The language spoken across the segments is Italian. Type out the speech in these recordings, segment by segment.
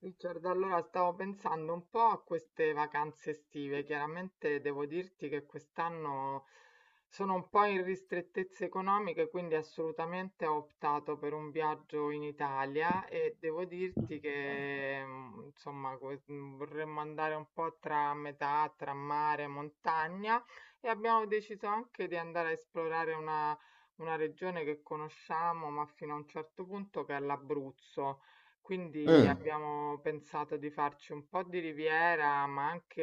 Richard, allora stavo pensando un po' a queste vacanze estive. Chiaramente devo dirti che quest'anno sono un po' in ristrettezze economiche, quindi assolutamente ho optato per un viaggio in Italia e devo dirti che insomma vorremmo andare un po' tra metà, tra mare e montagna e abbiamo deciso anche di andare a esplorare una regione che conosciamo, ma fino a un certo punto, che è l'Abruzzo. Quindi Mh, abbiamo pensato di farci un po' di Riviera, ma anche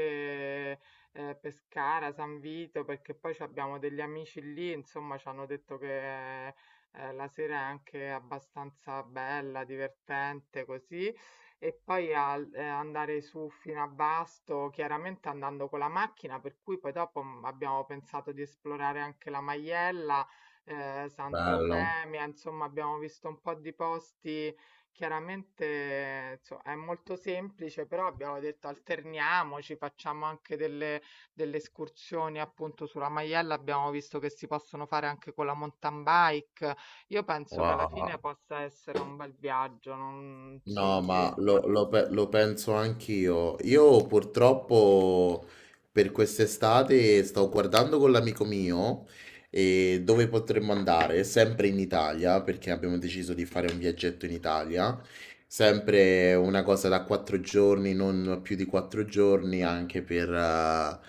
Pescara, San Vito, perché poi ci abbiamo degli amici lì, insomma, ci hanno detto che la sera è anche abbastanza bella, divertente, così. E poi andare su fino a Basto, chiaramente andando con la macchina, per cui poi dopo abbiamo pensato di esplorare anche la Maiella, bello. Sant'Eufemia, insomma, abbiamo visto un po' di posti. Chiaramente, inso è molto semplice, però abbiamo detto alterniamoci, facciamo anche delle delle escursioni appunto sulla Maiella, abbiamo visto che si possono fare anche con la mountain bike. Io penso che alla fine Wow. possa essere un bel viaggio, non- insomma, No, sì. ma lo penso anch'io. Io purtroppo per quest'estate stavo guardando con l'amico mio, e dove potremmo andare? Sempre in Italia, perché abbiamo deciso di fare un viaggetto in Italia. Sempre una cosa da quattro giorni, non più di quattro giorni, anche per,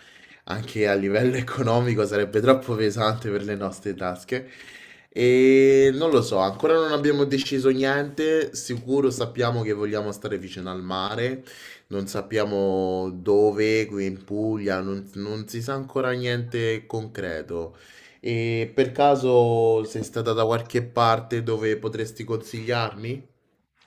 anche a livello economico sarebbe troppo pesante per le nostre tasche. E non lo so, ancora non abbiamo deciso niente. Sicuro sappiamo che vogliamo stare vicino al mare, non sappiamo dove, qui in Puglia, non si sa ancora niente concreto. E per caso sei stata da qualche parte dove potresti consigliarmi?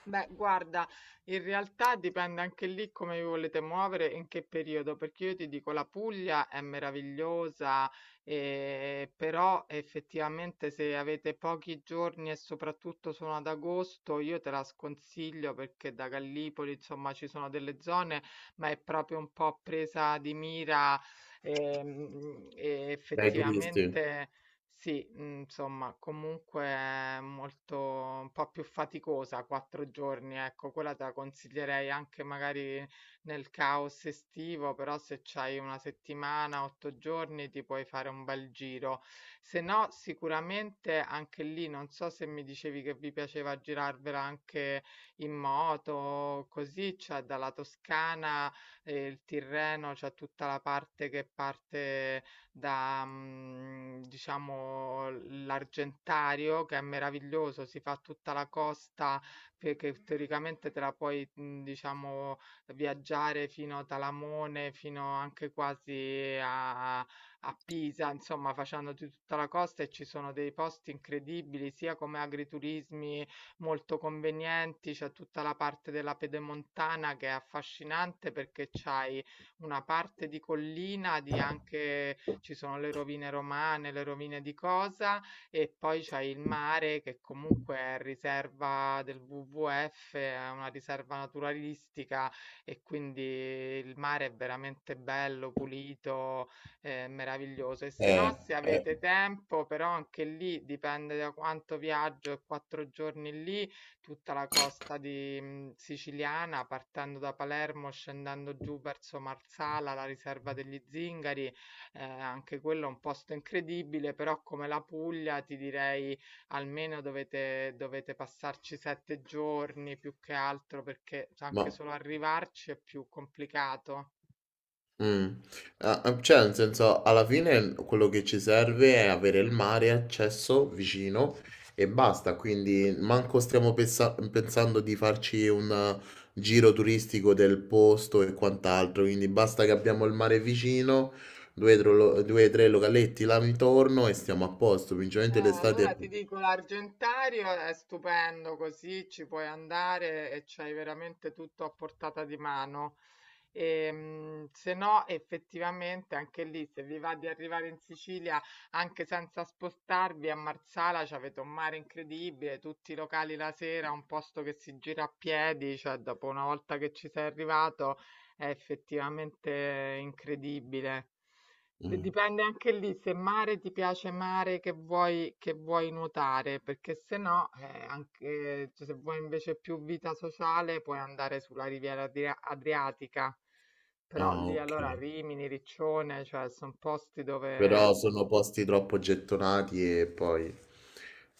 Beh, guarda, in realtà dipende anche lì come vi volete muovere e in che periodo, perché io ti dico la Puglia è meravigliosa, però effettivamente se avete pochi giorni e soprattutto sono ad agosto, io te la sconsiglio perché da Gallipoli, insomma, ci sono delle zone, ma è proprio un po' presa di mira, e Dai turisti. effettivamente sì, mhmm, insomma, comunque è molto un po' più faticosa, 4 giorni, ecco. Quella te la consiglierei anche magari nel caos estivo, però se c'hai 1 settimana, 8 giorni, ti puoi fare un bel giro. Se no, sicuramente anche lì, non so se mi dicevi che vi piaceva girarvela anche in moto, così, cioè dalla Toscana e il Tirreno, c'è tutta la parte che parte da, diciamo l'Argentario, che è meraviglioso, si fa tutta la costa che teoricamente te la puoi, diciamo, viaggiare fino a Talamone, fino anche quasi a a a Pisa, insomma facendoti tutta la costa, e ci sono dei posti incredibili, sia come agriturismi molto convenienti, c'è tutta la parte della pedemontana che è affascinante perché c'hai una parte di collina, di anche ci sono le rovine romane, le rovine di cosa, e poi c'è il mare che comunque è riserva del WWF, è una riserva naturalistica e quindi il mare è veramente bello, pulito, meraviglioso. E se no, Eh, se eh, avete tempo, però anche lì dipende da quanto viaggio, e quattro giorni lì, tutta la costa di, siciliana, partendo da Palermo, scendendo giù verso Marsala, la riserva degli Zingari, anche quello è un posto incredibile, però come la Puglia ti direi almeno dovete passarci 7 giorni, più che altro perché anche ma... solo arrivarci è più complicato. mm. Ah, ah, cioè, nel senso, alla fine quello che ci serve è avere il mare, accesso vicino e basta. Quindi manco stiamo pensando di farci un giro turistico del posto e quant'altro. Quindi basta che abbiamo il mare vicino, due o tre localetti là intorno e stiamo a posto. Principalmente l'estate... Allora è- ti dico, l'Argentario è stupendo, così ci puoi andare e c'hai veramente tutto a portata di mano. Se no, effettivamente anche lì, se vi va di arrivare in Sicilia anche senza spostarvi a Marsala, c'avete un mare incredibile, tutti i locali la sera, un posto che si gira a piedi, cioè dopo una volta che ci sei arrivato è effettivamente incredibile. Beh, mm. dipende anche lì, se mare ti piace, mare che vuoi nuotare, perché se no, anche, cioè, se vuoi invece più vita sociale puoi andare sulla riviera adriatica, però Ah, lì ok. allora Rimini, Riccione, cioè sono posti dove... Però sono posti troppo gettonati e poi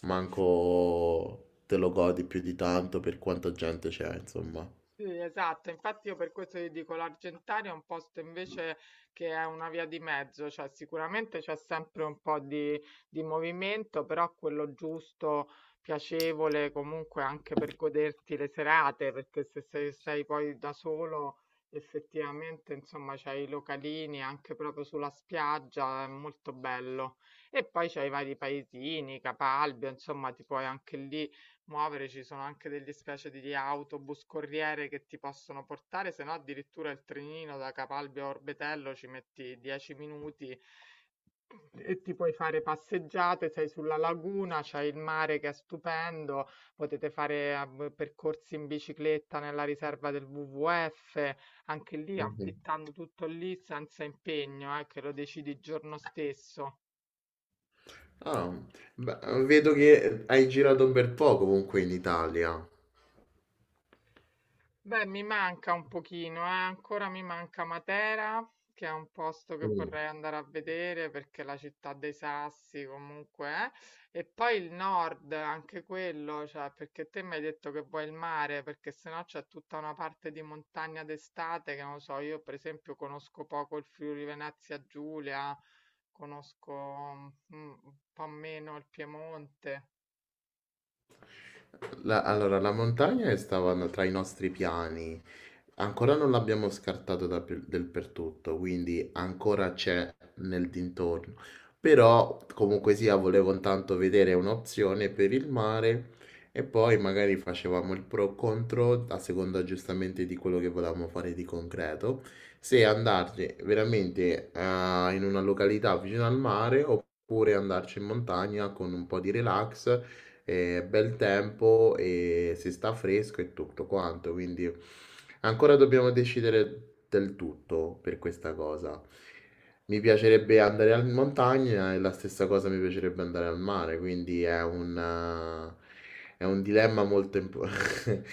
manco te lo godi più di tanto per quanta gente c'è, insomma. Sì, esatto, infatti io per questo ti dico l'Argentaria è un posto invece che è una via di mezzo, cioè sicuramente c'è sempre un po' di movimento, però quello giusto, piacevole comunque anche per goderti le serate, perché se sei, sei poi da solo, effettivamente insomma c'hai i localini anche proprio sulla spiaggia, è molto bello. E poi c'hai i vari paesini, Capalbio, insomma ti puoi anche lì muovere, ci sono anche delle specie di autobus corriere che ti possono portare, se no addirittura il trenino da Capalbio a Orbetello ci metti 10 minuti e ti puoi fare passeggiate, sei sulla laguna, c'è il mare che è stupendo, potete fare percorsi in bicicletta nella riserva del WWF, anche lì Mhm. affittando tutto lì senza impegno, che lo decidi il giorno stesso. Ah, beh, vedo che hai girato un bel po' comunque in Italia. Beh, mi manca un pochino, eh. Ancora mi manca Matera, che è un posto che Mm. vorrei andare a vedere, perché è la città dei sassi comunque, eh. E poi il nord, anche quello, cioè, perché te mi hai detto che vuoi il mare, perché sennò c'è tutta una parte di montagna d'estate che non lo so, io per esempio conosco poco il Friuli Venezia Giulia, conosco un po' meno il Piemonte. La- allora, la montagna è- stava tra i nostri piani, ancora non l'abbiamo scartato del per tutto, quindi ancora c'è nel dintorno. Però comunque sia, volevo intanto vedere un'opzione per il mare e poi magari facevamo il pro contro a seconda giustamente di quello che volevamo fare di concreto, se andarci veramente in una località vicino al mare oppure andarci in montagna con un po' di relax è bel tempo e si sta fresco e tutto quanto, quindi ancora dobbiamo decidere del tutto per questa cosa. Mi piacerebbe andare in montagna e la stessa cosa mi piacerebbe andare al mare, quindi è è un dilemma molto importante.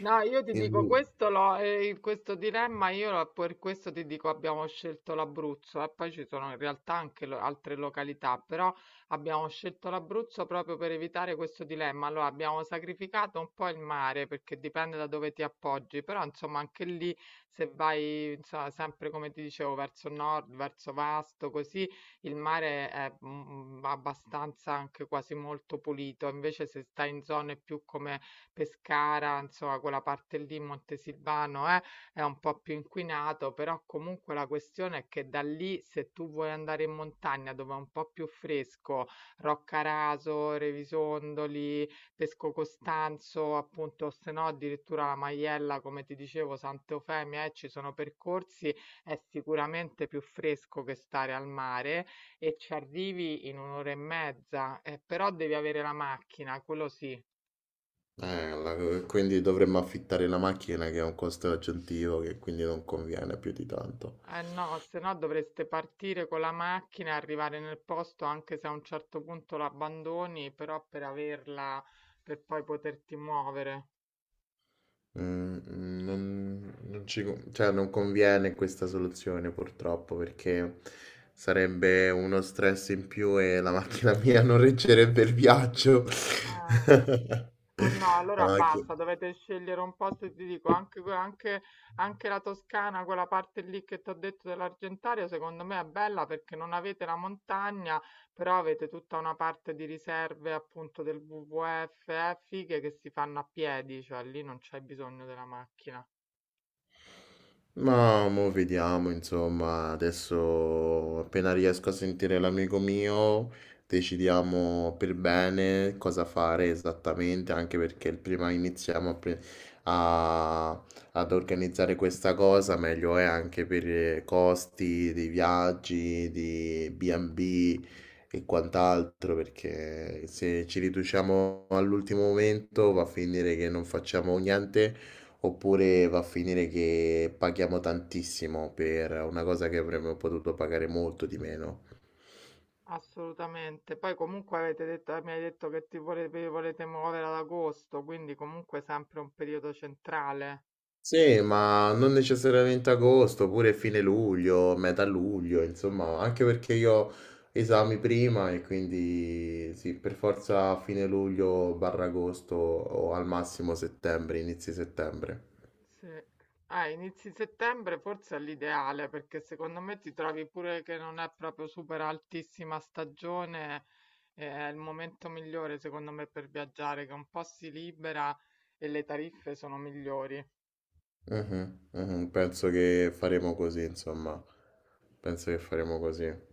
No, io ti dico questo, questo dilemma, per questo ti dico abbiamo scelto l'Abruzzo, e poi ci sono in realtà anche altre località, però abbiamo scelto l'Abruzzo proprio per evitare questo dilemma. Allora abbiamo sacrificato un po' il mare perché dipende da dove ti appoggi, però insomma anche lì se vai insomma, sempre come ti dicevo, verso nord, verso Vasto, così il mare è abbastanza anche quasi molto pulito, invece se stai in zone più come Pescara, insomma, quella parte lì, Montesilvano, è un po' più inquinato, però comunque la questione è che da lì, se tu vuoi andare in montagna dove è un po' più fresco, Roccaraso, Revisondoli, Pesco Costanzo, appunto, o se no addirittura la Maiella, come ti dicevo, Sant'Eufemia, ci sono percorsi, è sicuramente più fresco che stare al mare e ci arrivi in un'ora e mezza, però devi avere la macchina, quello sì. Quindi dovremmo affittare la macchina che è un costo aggiuntivo che quindi non conviene più di tanto. Eh no, se no dovreste partire con la macchina e arrivare nel posto, anche se a un certo punto l'abbandoni, però per averla, per poi poterti muovere. Mhmm, mhmm, non non ci co cioè non conviene questa soluzione purtroppo, perché sarebbe uno stress in più e la macchina mia non reggerebbe il viaggio. Ah, eh no, La allora macchi basta, dovete scegliere un posto, ti dico, anche, que- anche, anche la Toscana, quella parte lì che ti ho detto dell'Argentario, secondo me è bella perché non avete la montagna, però avete tutta una parte di riserve appunto del WWF, fighe che si fanno a piedi, cioè lì non c'è bisogno della macchina. Ma mo vediamo, insomma, adesso appena riesco a sentire l'amico mio, decidiamo per bene cosa fare esattamente, anche perché prima iniziamo a a- ad organizzare questa cosa, meglio è anche per costi dei viaggi, di B&B e B e quant'altro, perché se ci riduciamo all'ultimo momento va a finire che non facciamo niente. Oppure va a finire che paghiamo tantissimo per una cosa che avremmo potuto pagare molto di meno. Assolutamente. Poi comunque avete detto, mi hai detto che ti vole- vi volete muovere ad agosto, quindi comunque sempre un periodo centrale. Sì, ma non necessariamente agosto, pure fine luglio, metà luglio, insomma, anche perché io ho esami prima e quindi sì, per forza fine luglio barra agosto o al massimo settembre, inizi settembre. Sì. Ah, inizi settembre forse è l'ideale, perché secondo me ti trovi pure che non è proprio super altissima stagione, è il momento migliore secondo me per viaggiare, che un po' si libera e le tariffe sono migliori. Mhm, mhm, penso che faremo così, insomma, penso che faremo così.